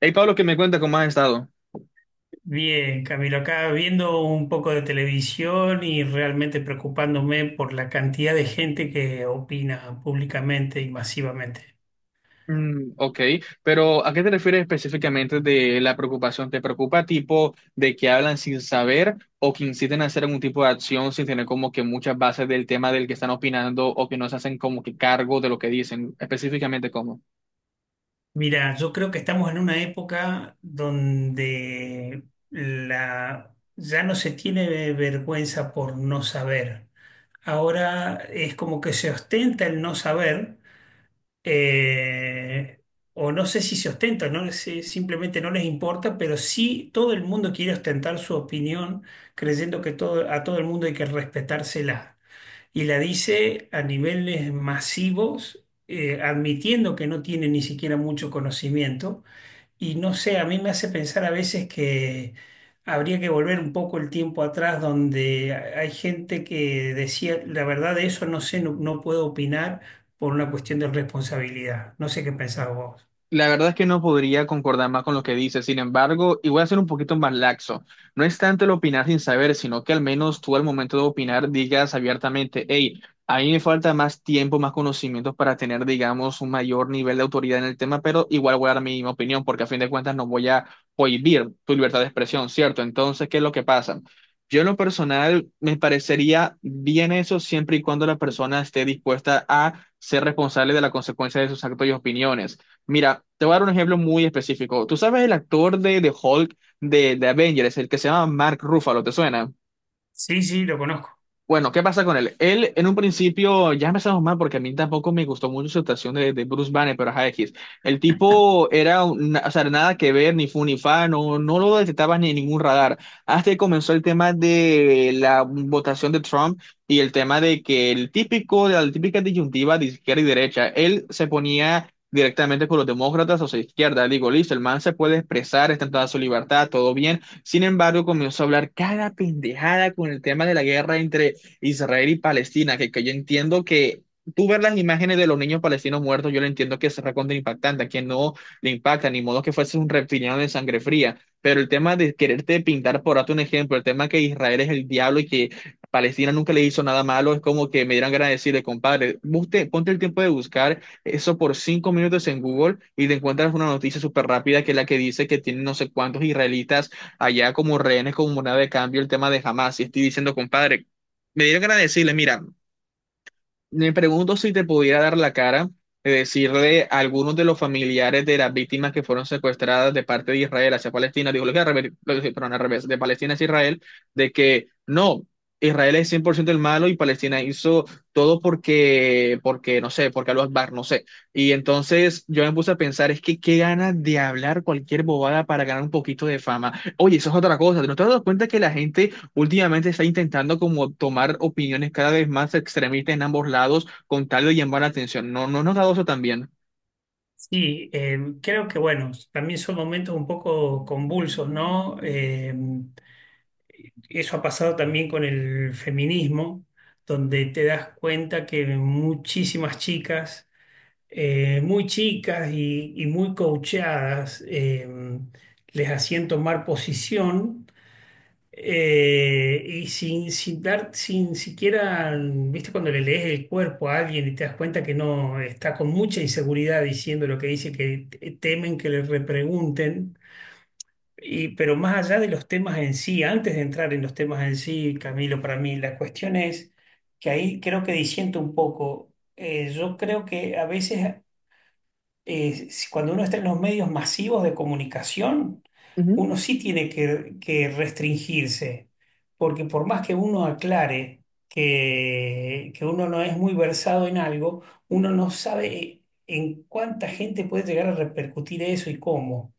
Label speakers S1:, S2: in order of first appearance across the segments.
S1: Hey Pablo, ¿que me cuenta cómo has estado?
S2: Bien, Camilo, acá viendo un poco de televisión y realmente preocupándome por la cantidad de gente que opina públicamente y masivamente.
S1: Mm, ok, pero ¿a qué te refieres específicamente de la preocupación? ¿Te preocupa tipo de que hablan sin saber o que inciten a hacer algún tipo de acción sin tener como que muchas bases del tema del que están opinando o que no se hacen como que cargo de lo que dicen? Específicamente, ¿cómo?
S2: Mira, yo creo que estamos en una época donde ya no se tiene vergüenza por no saber. Ahora es como que se ostenta el no saber eh, o no sé si se ostenta, no sé, simplemente no les importa, pero sí todo el mundo quiere ostentar su opinión, creyendo que a todo el mundo hay que respetársela. Y la dice a niveles masivos, admitiendo que no tiene ni siquiera mucho conocimiento y no sé, a mí me hace pensar a veces que habría que volver un poco el tiempo atrás donde hay gente que decía, la verdad de eso no sé, no puedo opinar por una cuestión de responsabilidad. No sé qué pensás vos.
S1: La verdad es que no podría concordar más con lo que dices. Sin embargo, y voy a ser un poquito más laxo. No es tanto el opinar sin saber, sino que al menos tú al momento de opinar digas abiertamente, hey, a mí me falta más tiempo, más conocimientos para tener, digamos, un mayor nivel de autoridad en el tema, pero igual voy a dar mi opinión, porque a fin de cuentas no voy a prohibir tu libertad de expresión, ¿cierto? Entonces, ¿qué es lo que pasa? Yo en lo personal me parecería bien eso siempre y cuando la persona esté dispuesta a ser responsable de la consecuencia de sus actos y opiniones. Mira, te voy a dar un ejemplo muy específico. ¿Tú sabes el actor de Hulk de Avengers, el que se llama Mark Ruffalo? ¿Te suena?
S2: Sí, sí, lo conozco.
S1: Bueno, ¿qué pasa con él? Él, en un principio, ya empezamos mal porque a mí tampoco me gustó mucho su actuación de Bruce Banner, pero ajá, X. El tipo era, o sea, nada que ver, ni fu ni fa, no, no lo detectaba ni en ningún radar. Hasta que comenzó el tema de la votación de Trump y el tema de que el típico, de la típica disyuntiva de izquierda y derecha, él se ponía directamente con los demócratas, o sea, izquierda. Digo, listo, el man se puede expresar, está en toda su libertad, todo bien. Sin embargo, comenzó a hablar cada pendejada con el tema de la guerra entre Israel y Palestina, que yo entiendo que tú ver las imágenes de los niños palestinos muertos, yo lo entiendo que es recontra impactante, a quien no le impacta, ni modo que fuese un reptiliano de sangre fría, pero el tema de quererte pintar, por darte un ejemplo, el tema que Israel es el diablo y que Palestina nunca le hizo nada malo, es como que me dieran ganas de decirle, compadre, usted, ponte el tiempo de buscar eso por 5 minutos en Google y te encuentras una noticia súper rápida, que es la que dice que tienen no sé cuántos israelitas allá como rehenes, como moneda de cambio, el tema de Hamas. Y estoy diciendo, compadre, me dieron ganas de decirle, mira, me pregunto si te pudiera dar la cara de decirle a algunos de los familiares de las víctimas que fueron secuestradas de parte de Israel hacia Palestina, digo, lo que al revés, perdón, al revés, de Palestina hacia Israel, de que no, Israel es 100% el malo y Palestina hizo todo porque no sé, porque Al-Akbar, no sé. Y entonces yo me puse a pensar, es que qué ganas de hablar cualquier bobada para ganar un poquito de fama. Oye, eso es otra cosa, ¿no te has dado cuenta que la gente últimamente está intentando como tomar opiniones cada vez más extremistas en ambos lados con tal de llamar la atención? ¿No, no has notado eso también?
S2: Sí, creo que bueno, también son momentos un poco convulsos, ¿no? Eso ha pasado también con el feminismo, donde te das cuenta que muchísimas chicas muy chicas y muy coacheadas, les hacían tomar posición y sin dar, sin siquiera, viste, cuando le lees el cuerpo a alguien y te das cuenta que no está con mucha inseguridad diciendo lo que dice, que temen que le repregunten. Y, pero más allá de los temas en sí, antes de entrar en los temas en sí, Camilo, para mí la cuestión es que ahí creo que disiento un poco. Yo creo que a veces cuando uno está en los medios masivos de comunicación, uno sí tiene que restringirse, porque por más que uno aclare que uno no es muy versado en algo, uno no sabe en cuánta gente puede llegar a repercutir eso y cómo,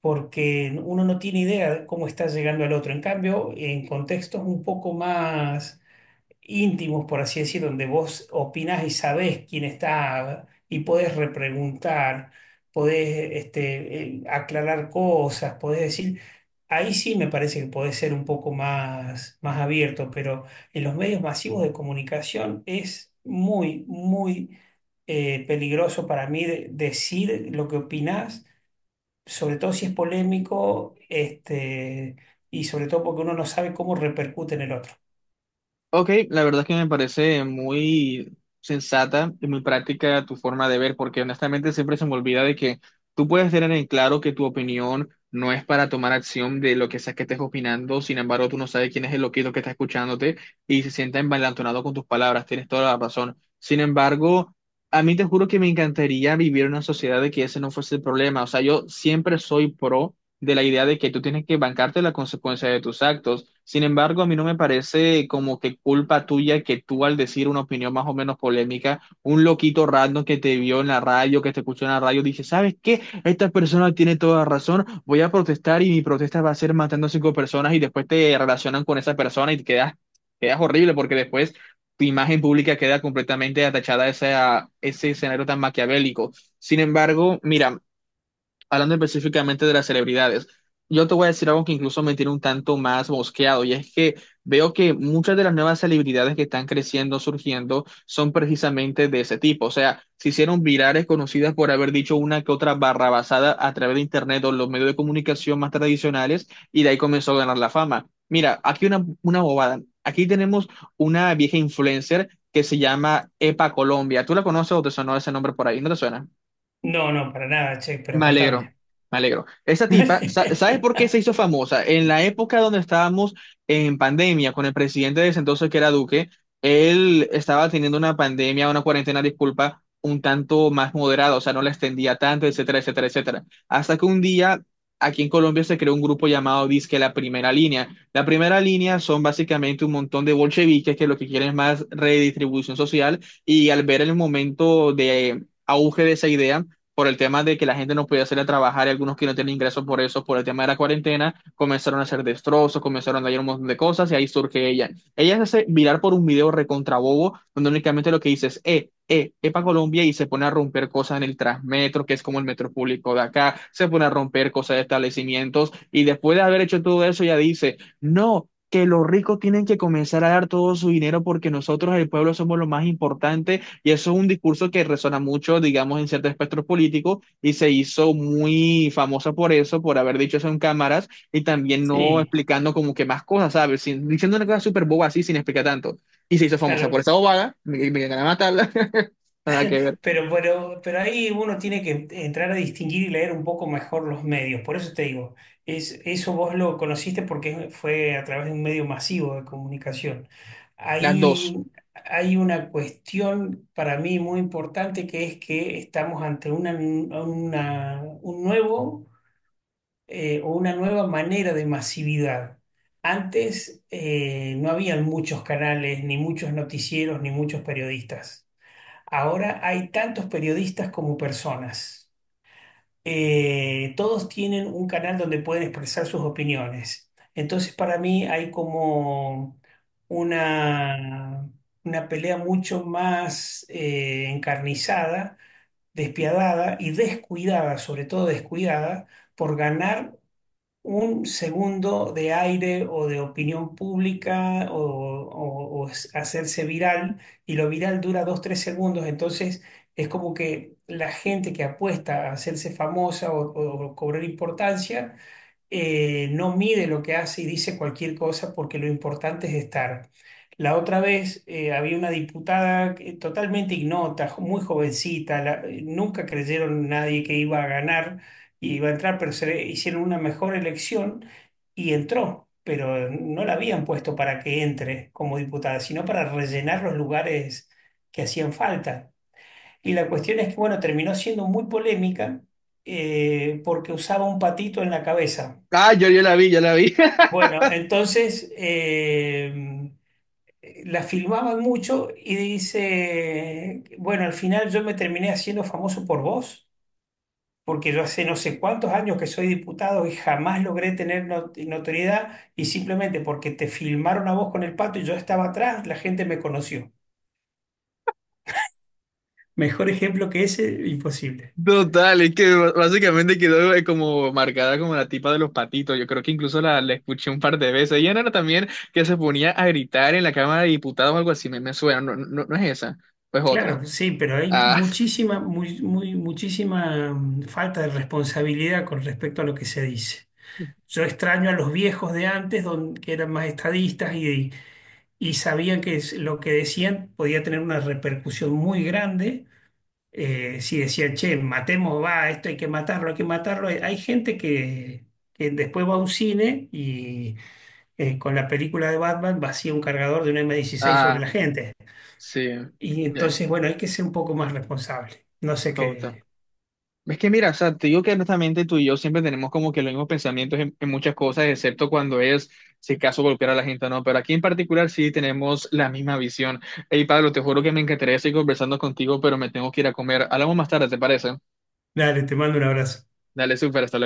S2: porque uno no tiene idea de cómo está llegando al otro. En cambio, en contextos un poco más íntimos, por así decir, donde vos opinás y sabés quién está y podés repreguntar, podés aclarar cosas, podés decir, ahí sí me parece que podés ser un poco más, más abierto, pero en los medios masivos de comunicación es muy peligroso para mí decir lo que opinás, sobre todo si es polémico, y sobre todo porque uno no sabe cómo repercute en el otro.
S1: Ok, la verdad es que me parece muy sensata y muy práctica tu forma de ver, porque honestamente siempre se me olvida de que tú puedes tener en claro que tu opinión no es para tomar acción de lo que sea que estés opinando, sin embargo, tú no sabes quién es el loquito que está escuchándote y se sienta envalentonado con tus palabras, tienes toda la razón. Sin embargo, a mí te juro que me encantaría vivir en una sociedad de que ese no fuese el problema, o sea, yo siempre soy pro de la idea de que tú tienes que bancarte la consecuencia de tus actos. Sin embargo, a mí no me parece como que culpa tuya que tú al decir una opinión más o menos polémica, un loquito random que te vio en la radio, que te escuchó en la radio, dice, ¿sabes qué? Esta persona tiene toda razón, voy a protestar y mi protesta va a ser matando a cinco personas y después te relacionan con esa persona y te quedas, quedas horrible, porque después tu imagen pública queda completamente atachada a ese escenario tan maquiavélico. Sin embargo, mira, hablando específicamente de las celebridades, yo te voy a decir algo que incluso me tiene un tanto más mosqueado, y es que veo que muchas de las nuevas celebridades que están creciendo, surgiendo, son precisamente de ese tipo. O sea, se hicieron virales, conocidas por haber dicho una que otra barrabasada a través de Internet o los medios de comunicación más tradicionales, y de ahí comenzó a ganar la fama. Mira, aquí una bobada. Aquí tenemos una vieja influencer que se llama Epa Colombia. ¿Tú la conoces o te sonó ese nombre por ahí? ¿No te suena?
S2: No, no, para nada, che, pero
S1: Me alegro,
S2: contame.
S1: me alegro. Esa tipa, ¿sabes por qué se hizo famosa? En la época donde estábamos en pandemia con el presidente de ese entonces, que era Duque, él estaba teniendo una pandemia, una cuarentena, disculpa, un tanto más moderada, o sea, no la extendía tanto, etcétera, etcétera, etcétera. Hasta que un día aquí en Colombia se creó un grupo llamado Disque La Primera Línea. La Primera Línea son básicamente un montón de bolcheviques que lo que quieren es más redistribución social y, al ver el momento de auge de esa idea, por el tema de que la gente no podía salir a trabajar y algunos que no tienen ingresos por eso, por el tema de la cuarentena, comenzaron a hacer destrozos, comenzaron a dañar un montón de cosas y ahí surge ella. Ella se hace viral por un video recontrabobo donde únicamente lo que dice es, Epa Colombia, y se pone a romper cosas en el Transmetro, que es como el metro público de acá, se pone a romper cosas de establecimientos y después de haber hecho todo eso ella dice, no, que los ricos tienen que comenzar a dar todo su dinero porque nosotros, el pueblo, somos lo más importante, y eso es un discurso que resuena mucho, digamos, en cierto espectro político, y se hizo muy famosa por eso, por haber dicho eso en cámaras y también no
S2: Sí,
S1: explicando como que más cosas, ¿sabes? Diciendo una cosa súper boba así sin explicar tanto. Y se hizo famosa por
S2: claro,
S1: esa bobada, me ganan a matarla, nada que ver.
S2: pero ahí uno tiene que entrar a distinguir y leer un poco mejor los medios. Por eso te digo, es, eso vos lo conociste porque fue a través de un medio masivo de comunicación.
S1: Las
S2: Ahí
S1: dos.
S2: hay una cuestión para mí muy importante que es que estamos ante un nuevo o una nueva manera de masividad. Antes no habían muchos canales, ni muchos noticieros, ni muchos periodistas. Ahora hay tantos periodistas como personas. Todos tienen un canal donde pueden expresar sus opiniones. Entonces, para mí hay como una, una pelea mucho más encarnizada, despiadada y descuidada, sobre todo descuidada, por ganar un segundo de aire o de opinión pública hacerse viral y lo viral dura dos, tres segundos, entonces es como que la gente que apuesta a hacerse famosa o cobrar importancia no mide lo que hace y dice cualquier cosa porque lo importante es estar. La otra vez había una diputada totalmente ignota, muy jovencita, nunca creyeron nadie que iba a ganar y iba a entrar, pero hicieron una mejor elección y entró, pero no la habían puesto para que entre como diputada, sino para rellenar los lugares que hacían falta. Y la cuestión es que, bueno, terminó siendo muy polémica porque usaba un patito en la cabeza.
S1: Ah, yo la vi, yo la vi.
S2: Bueno, entonces la filmaban mucho y dice, bueno, al final yo me terminé haciendo famoso por vos, porque yo hace no sé cuántos años que soy diputado y jamás logré tener notoriedad y simplemente porque te filmaron a vos con el pato y yo estaba atrás, la gente me conoció. Mejor ejemplo que ese, imposible.
S1: Total, es que básicamente quedó como marcada como la tipa de los patitos. Yo creo que incluso la escuché un par de veces. Ella no era también que se ponía a gritar en la Cámara de Diputados o algo así. Me suena, no, no, no no es esa, pues otra.
S2: Claro, sí, pero hay
S1: Ah,
S2: muchísima, muchísima falta de responsabilidad con respecto a lo que se dice. Yo extraño a los viejos de antes, que eran más estadistas y sabían que lo que decían podía tener una repercusión muy grande. Si decían, che, matemos, va, esto hay que matarlo, hay que matarlo. Hay gente que después va a un cine y con la película de Batman vacía un cargador de un M16 sobre
S1: ah,
S2: la gente.
S1: sí,
S2: Y
S1: ya,
S2: entonces, bueno, hay que ser un poco más responsable. No sé
S1: total.
S2: qué.
S1: Es que mira, o sea, te digo que honestamente tú y yo siempre tenemos como que los mismos pensamientos en muchas cosas, excepto cuando es, si acaso, golpear a la gente o no, pero aquí en particular sí tenemos la misma visión. Hey, Pablo, te juro que me encantaría seguir conversando contigo, pero me tengo que ir a comer. Hablamos más tarde, ¿te parece?
S2: Dale, te mando un abrazo.
S1: Dale, súper, hasta luego.